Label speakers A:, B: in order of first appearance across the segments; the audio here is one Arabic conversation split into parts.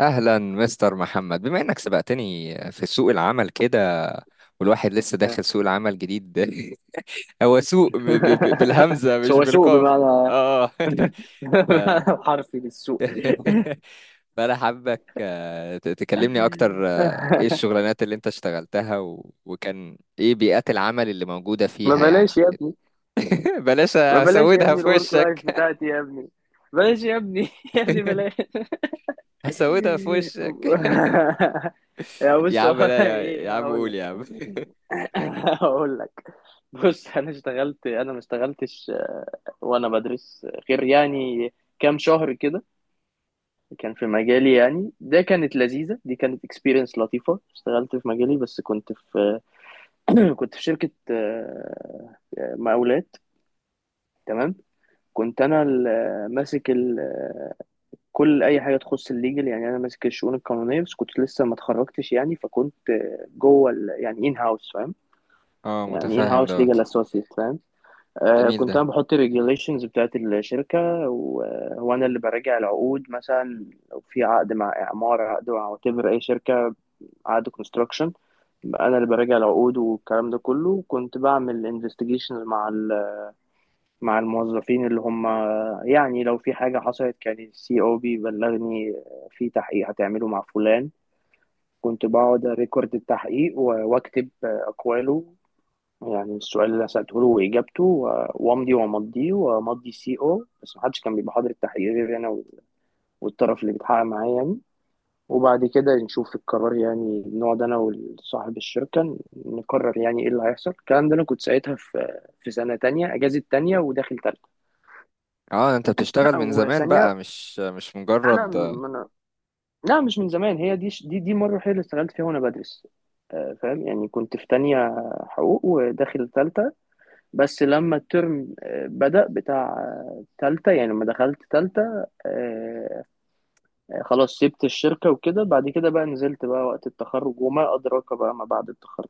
A: اهلا مستر محمد، بما انك سبقتني في سوق العمل كده، والواحد لسه
B: آه.
A: داخل سوق العمل جديد ده. هو سوق بالهمزة مش
B: هو سوق
A: بالقاف.
B: بمعنى
A: اه. ف...
B: بمعنى حرفي للسوق.
A: فانا حابك، تكلمني اكتر. ايه الشغلانات اللي انت اشتغلتها، وكان ايه بيئات العمل اللي موجودة
B: ما
A: فيها
B: بلاش
A: يعني.
B: يا ابني
A: بلاش
B: ما بلاش يا
A: هسودها
B: ابني
A: في
B: الورك لايف
A: وشك.
B: بتاعتي يا ابني. بلاش يا ابني. يا ابني بلاش.
A: هسودها في وشك.
B: يا
A: يا
B: بص، هو
A: عم لا،
B: أنا
A: يا
B: ايه
A: عم
B: هقول
A: قول يا
B: لك؟
A: عم.
B: هقول لك. بص، انا اشتغلت، ما اشتغلتش. وانا بدرس، غير يعني كام شهر كده، كان في مجالي. يعني ده كانت لذيذة، دي كانت اكسبيرينس لطيفة. اشتغلت في مجالي، بس كنت في كنت في شركة مقاولات. تمام. كنت انا ماسك كل اي حاجه تخص الليجل. يعني انا ماسك الشؤون القانونيه، بس كنت لسه ما اتخرجتش يعني، فكنت جوه يعني ان هاوس، فاهم؟
A: اه،
B: يعني ان
A: متفهم
B: هاوس
A: دوت.
B: ليجل اسوسيت، فاهم؟
A: جميل
B: كنت
A: ده.
B: انا بحط الريجوليشنز بتاعت الشركه، وانا اللي براجع العقود مثلا. لو في عقد مع اعمار، عقد مع وتبر، اي شركه، عقد كونستراكشن، انا اللي براجع العقود والكلام ده كله. كنت بعمل انفستيجيشن مع مع الموظفين اللي هم، يعني لو في حاجه حصلت كان السي او بيبلغني في تحقيق هتعمله مع فلان. كنت بقعد ريكورد التحقيق واكتب اقواله، يعني السؤال اللي أنا سالته له واجابته، وامضي وامضيه وامضي السي او. بس محدش كان بيبقى حاضر التحقيق غير انا والطرف اللي بيتحقق معايا يعني. وبعد كده نشوف القرار، يعني نقعد انا وصاحب الشركة نقرر يعني ايه اللي هيحصل. الكلام ده انا كنت ساعتها في سنة تانية اجازة تانية وداخل تالتة
A: اه، انت بتشتغل من
B: او
A: زمان بقى،
B: ثانية.
A: مش
B: انا
A: مجرد.
B: من... لا، مش من زمان. هي دي مرة هي اللي اشتغلت فيها وانا بدرس، فاهم؟ يعني كنت في تانية حقوق وداخل تالتة، بس لما الترم بدأ بتاع تالتة، يعني لما دخلت تالتة آه، خلاص سبت الشركة وكده. بعد كده بقى نزلت بقى وقت التخرج، وما أدراك بقى ما بعد التخرج.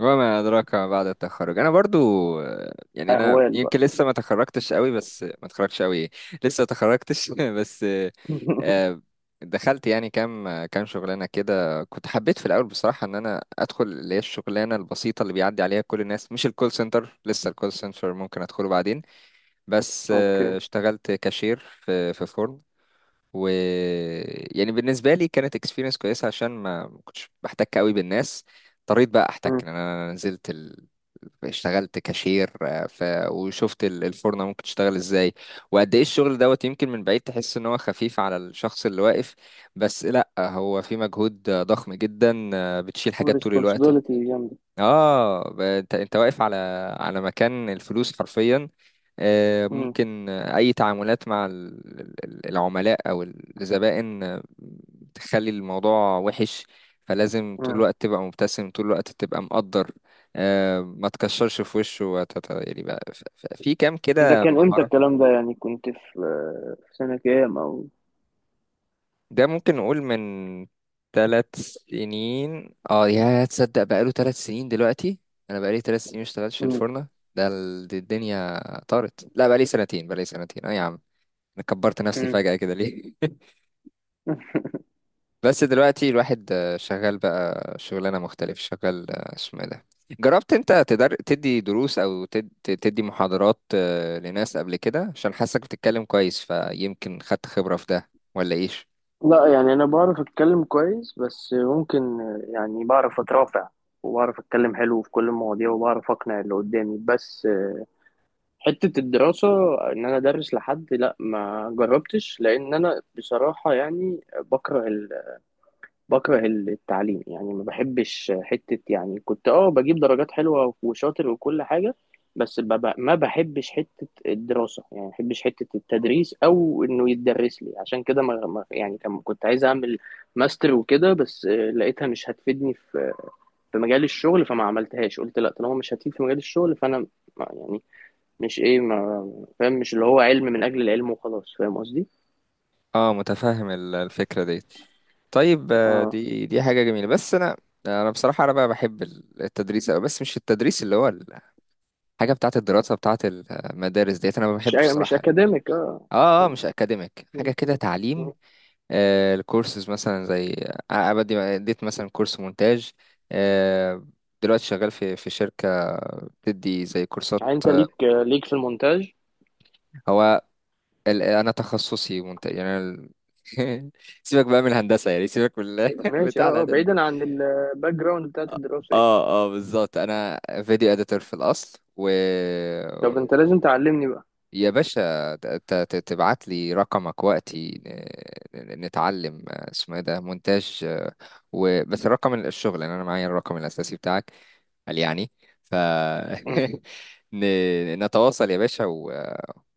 A: وما ادراك ما بعد التخرج. انا برضو، يعني انا
B: اهوال بقى.
A: يمكن لسه ما تخرجتش قوي، بس ما تخرجش قوي إيه؟ لسه ما تخرجتش بس. آه، دخلت يعني كام كام شغلانه كده. كنت حبيت في الاول بصراحه ان انا ادخل اللي هي الشغلانه البسيطه اللي بيعدي عليها كل الناس، مش الكول سنتر، لسه الكول سنتر ممكن ادخله بعدين. بس
B: اوكي.
A: اشتغلت كاشير في فورم. و يعني بالنسبه لي كانت اكسبيرينس كويسه، عشان ما كنتش بحتك قوي بالناس. اضطريت بقى احتك
B: مم.
A: لان انا اشتغلت كاشير. وشفت الفرنه ممكن تشتغل ازاي، وقد ايه الشغل دوت. يمكن من بعيد تحس ان هو خفيف على الشخص اللي واقف، بس لا، هو في مجهود ضخم جدا. بتشيل حاجات طول الوقت.
B: responsibility جامدة.
A: اه، انت واقف على مكان الفلوس حرفيا.
B: مم.
A: ممكن أي تعاملات مع العملاء أو الزبائن، تخلي الموضوع وحش. فلازم طول
B: مم.
A: الوقت تبقى مبتسم، طول الوقت تبقى مقدر، ما تكشرش في وشه، يعني بقى في كام
B: ده
A: كده
B: كان امتى
A: مهارة.
B: الكلام ده؟ يعني كنت في سنة كام او...
A: ده ممكن نقول من ثلاث سنين. اه، يا تصدق بقاله ثلاث سنين دلوقتي. انا بقالي ثلاث سنين مشتغلتش في
B: مم.
A: الفرنة. دي الدنيا طارت. لا، بقالي سنتين، بقالي سنتين، اه يا عم. انا كبرت نفسي
B: مم.
A: فجأة كده ليه؟ بس دلوقتي الواحد شغال بقى شغلانة مختلف، شغال، اسمه إيه ده. جربت انت تدي دروس، او تدي محاضرات لناس قبل كده، عشان حاسك بتتكلم كويس، فيمكن خدت خبرة في ده، ولا ايش؟
B: لا، يعني انا بعرف اتكلم كويس، بس ممكن، يعني بعرف اترافع وبعرف اتكلم حلو في كل المواضيع وبعرف اقنع اللي قدامي. بس حتة الدراسة، ان انا ادرس لحد، لا ما جربتش، لان انا بصراحة يعني بكره، التعليم. يعني ما بحبش حتة، يعني كنت اه بجيب درجات حلوة وشاطر وكل حاجة، بس ما بحبش حتة الدراسة، يعني ما بحبش حتة التدريس أو إنه يتدرس لي. عشان كده يعني كنت عايز أعمل ماستر وكده، بس لقيتها مش هتفيدني في مجال الشغل، فما عملتهاش. قلت لا، طالما مش هتفيد في مجال الشغل فأنا يعني مش إيه، ما فاهم؟ مش اللي هو علم من أجل العلم وخلاص، فاهم قصدي؟
A: اه، متفهم الفكرة دي. طيب،
B: اه.
A: دي حاجة جميلة. بس انا، انا بصراحة، انا بقى بحب التدريس أوي، بس مش التدريس اللي هو الحاجة بتاعة الدراسة بتاعة المدارس ديت، انا ما
B: مش
A: بحبش
B: مش
A: الصراحة.
B: أكاديميك، اه.
A: اه اه، مش اكاديميك، حاجة كده تعليم. الكورسز مثلا، زي بدي اديت مثلا كورس مونتاج. آه، دلوقتي شغال في شركة بتدي زي كورسات.
B: يعني انت ليك في المونتاج؟
A: هو انا تخصصي مونتاج، يعني أنا سيبك بقى من الهندسة، يعني سيبك من
B: ماشي.
A: بتاع
B: اه اه،
A: الإعداد.
B: بعيدا عن الباك جراوند بتاعت الدراسة يعني.
A: اه اه، بالظبط، انا فيديو اديتور في الاصل. و
B: طب انت لازم تعلمني بقى.
A: يا باشا، تبعت لي رقمك وقتي، نتعلم، اسمه ايه ده، مونتاج. وبس الرقم الشغل، لان انا معايا الرقم الاساسي بتاعك، قال يعني. ف
B: مم.
A: نتواصل يا باشا،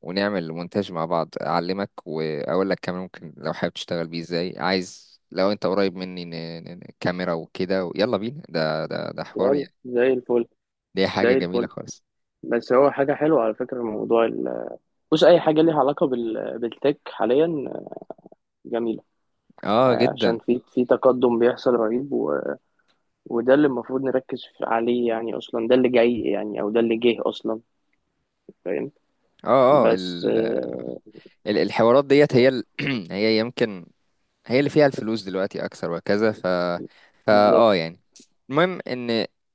A: ونعمل مونتاج مع بعض، اعلمك واقول لك كمان ممكن لو حابب تشتغل بيه ازاي. عايز، لو انت قريب مني، كاميرا وكده، يلا بينا. ده حوار
B: يلا
A: يعني.
B: زي الفل.
A: دي
B: زي
A: حاجة جميلة
B: الفل.
A: خالص.
B: بس هو حاجة حلوة على فكرة موضوع بص، أي حاجة ليها علاقة بالتك حاليا جميلة.
A: اه جدا.
B: عشان في تقدم بيحصل رهيب، وده اللي المفروض نركز عليه يعني. أصلا ده اللي جاي يعني، أو ده اللي جه أصلا، فاهم؟
A: اه اه،
B: بس
A: الحوارات ديت،
B: مم.
A: هي يمكن، هي اللي فيها الفلوس دلوقتي اكثر وكذا. ف فا اه
B: بالظبط.
A: يعني. المهم ان،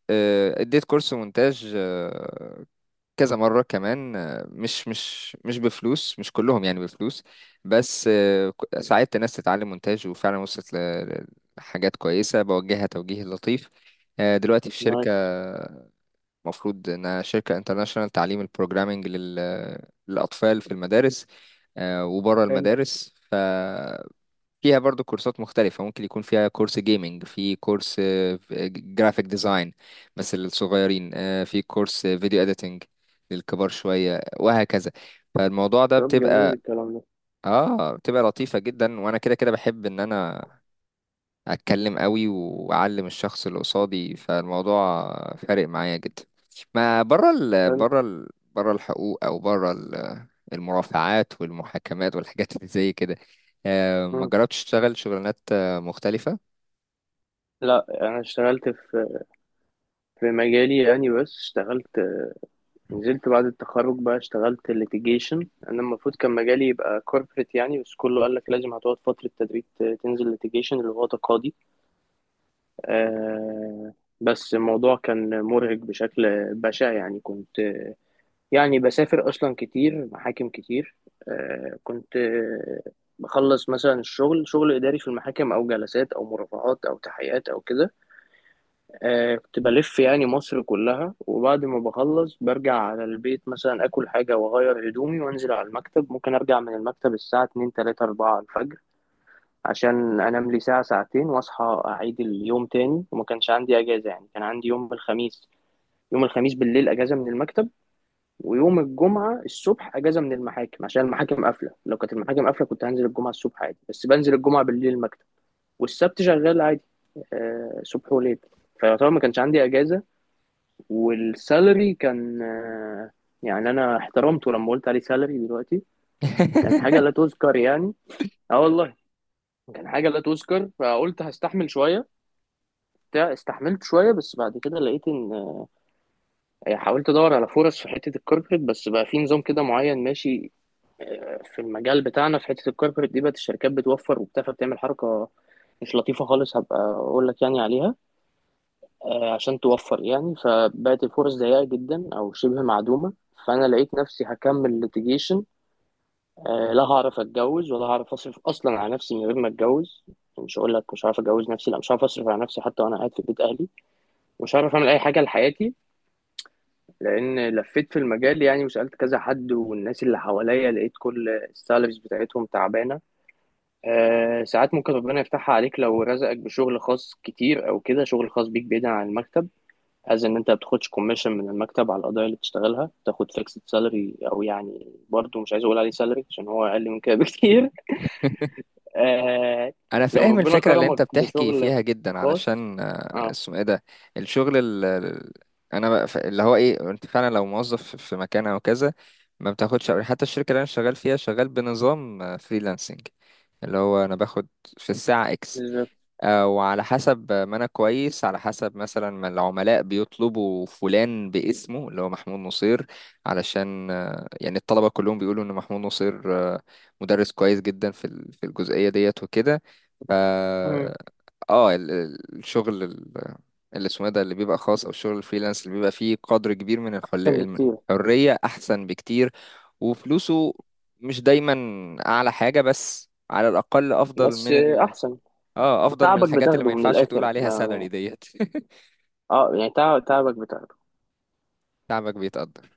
A: اديت كورس مونتاج كذا مرة كمان، مش بفلوس، مش كلهم يعني بفلوس. بس ساعدت ناس تتعلم مونتاج، وفعلا وصلت لحاجات كويسة، بوجهها توجيه لطيف. دلوقتي في شركة،
B: نايس.
A: المفروض انها شركة انترناشونال، تعليم البروجرامينج للأطفال في المدارس، وبره
B: حلو.
A: المدارس. فيها برضو كورسات مختلفة، ممكن يكون فيها كورس جيمنج، في كورس جرافيك ديزاين بس للصغيرين، في كورس فيديو اديتنج للكبار شوية، وهكذا. فالموضوع ده
B: طب جميل
A: بتبقى،
B: الكلام ده.
A: اه بتبقى لطيفة جدا، وانا كده كده بحب ان انا اتكلم قوي واعلم الشخص اللي قصادي، فالموضوع فارق معايا جدا. ما بره، ال
B: حلو.
A: بره ال بره الحقوق، او بره المرافعات والمحاكمات والحاجات اللي زي كده. ما جربتش تشتغل شغلانات مختلفة؟
B: لا، انا اشتغلت في مجالي يعني، بس اشتغلت. نزلت بعد التخرج بقى، اشتغلت ليتيجيشن. انا المفروض كان مجالي يبقى كوربريت يعني، بس كله قال لك لازم هتقعد فترة تدريب، تنزل ليتيجيشن اللي هو تقاضي. آه بس الموضوع كان مرهق بشكل بشع، يعني كنت، يعني بسافر اصلا كتير، محاكم كتير. كنت بخلص مثلا الشغل، شغل اداري في المحاكم او جلسات او مرافعات او تحقيقات او كده. كنت بلف يعني مصر كلها، وبعد ما بخلص برجع على البيت مثلا، آكل حاجة وأغير هدومي وأنزل على المكتب. ممكن أرجع من المكتب الساعة 2 3 4 الفجر، عشان أنام لي ساعة ساعتين وأصحى أعيد اليوم تاني. وما كانش عندي أجازة، يعني كان عندي يوم الخميس، يوم الخميس بالليل أجازة من المكتب، ويوم الجمعة الصبح أجازة من المحاكم عشان المحاكم قافلة. لو كانت المحاكم قافلة كنت هنزل الجمعة الصبح عادي، بس بنزل الجمعة بالليل المكتب، والسبت شغال عادي، آه، صبح وليل. فيعتبر ما كانش عندي أجازة. والسالري كان يعني انا احترمته لما قلت عليه سالري دلوقتي، كان حاجه لا تذكر يعني. اه والله، كان حاجه لا تذكر. فقلت هستحمل شويه. بتاع استحملت شويه، بس بعد كده لقيت ان حاولت ادور على فرص في حته الكوربريت، بس بقى في نظام كده معين ماشي. في المجال بتاعنا في حته الكوربريت دي، بقت الشركات بتوفر وبتاع، فبتعمل حركه مش لطيفه خالص، هبقى اقول لك يعني عليها. عشان توفر يعني، فبقت الفرص ضيقة جدا أو شبه معدومة. فأنا لقيت نفسي هكمل ليتيجيشن، لا هعرف أتجوز ولا هعرف أصرف أصلا على نفسي من غير ما أتجوز. مش هقول لك مش هعرف أتجوز، نفسي لا مش هعرف أصرف على نفسي حتى وأنا قاعد في بيت أهلي. مش هعرف أعمل أي حاجة لحياتي، لأن لفيت في المجال يعني وسألت كذا حد والناس اللي حواليا، لقيت كل السالاريز بتاعتهم تعبانة. ساعات ممكن ربنا يفتحها عليك لو رزقك بشغل خاص كتير، أو كده شغل خاص بيك بعيدا عن المكتب، از ان انت ما بتاخدش كوميشن من المكتب على القضايا اللي بتشتغلها، بتاخد فيكسد سالري او يعني، برضه مش عايز اقول عليه سالري عشان هو اقل من كده بكتير. آه
A: انا
B: لو
A: فاهم
B: ربنا
A: الفكره اللي انت
B: كرمك
A: بتحكي
B: بشغل
A: فيها جدا،
B: خاص.
A: علشان
B: اه،
A: اسمه ايه ده، الشغل انا بقى اللي هو ايه، انت فعلا لو موظف في مكان او كذا ما بتاخدش. حتى الشركه اللي انا شغال فيها، شغال بنظام فريلانسنج، اللي هو انا باخد في الساعه اكس،
B: بالظبط.
A: وعلى حسب ما انا كويس، على حسب مثلا ما العملاء بيطلبوا فلان باسمه اللي هو محمود نصير. علشان يعني الطلبة كلهم بيقولوا ان محمود نصير مدرس كويس جدا في في الجزئية ديت وكده. ف
B: مم.
A: اه الشغل، اللي اسمه إيه ده، اللي بيبقى خاص، او الشغل الفريلانس اللي بيبقى فيه قدر كبير من
B: احسن بكتير.
A: الحرية، احسن بكتير. وفلوسه مش دايما اعلى حاجة، بس على الاقل افضل
B: بس
A: من،
B: احسن. تعبك
A: الحاجات اللي ما
B: بتاخده من
A: ينفعش تقول
B: الاخر،
A: عليها سالري
B: ما
A: ديت.
B: اه يعني تعبك بتاخده.
A: تعبك بيتقدر.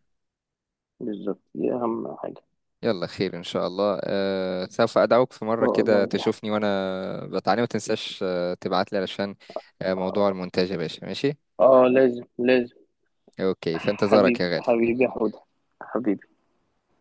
B: بالظبط، دي اهم حاجه.
A: يلا خير ان شاء الله. سوف ادعوك في
B: ان
A: مره
B: شاء
A: كده
B: الله يا صاحبي.
A: تشوفني وانا بتعلم. ما تنساش تبعت لي، علشان موضوع المونتاج يا باشا، ماشي.
B: اه لازم، لازم.
A: اوكي، في انتظارك يا
B: حبيبي،
A: غالي.
B: حبيبي يا حوده. حبيبي.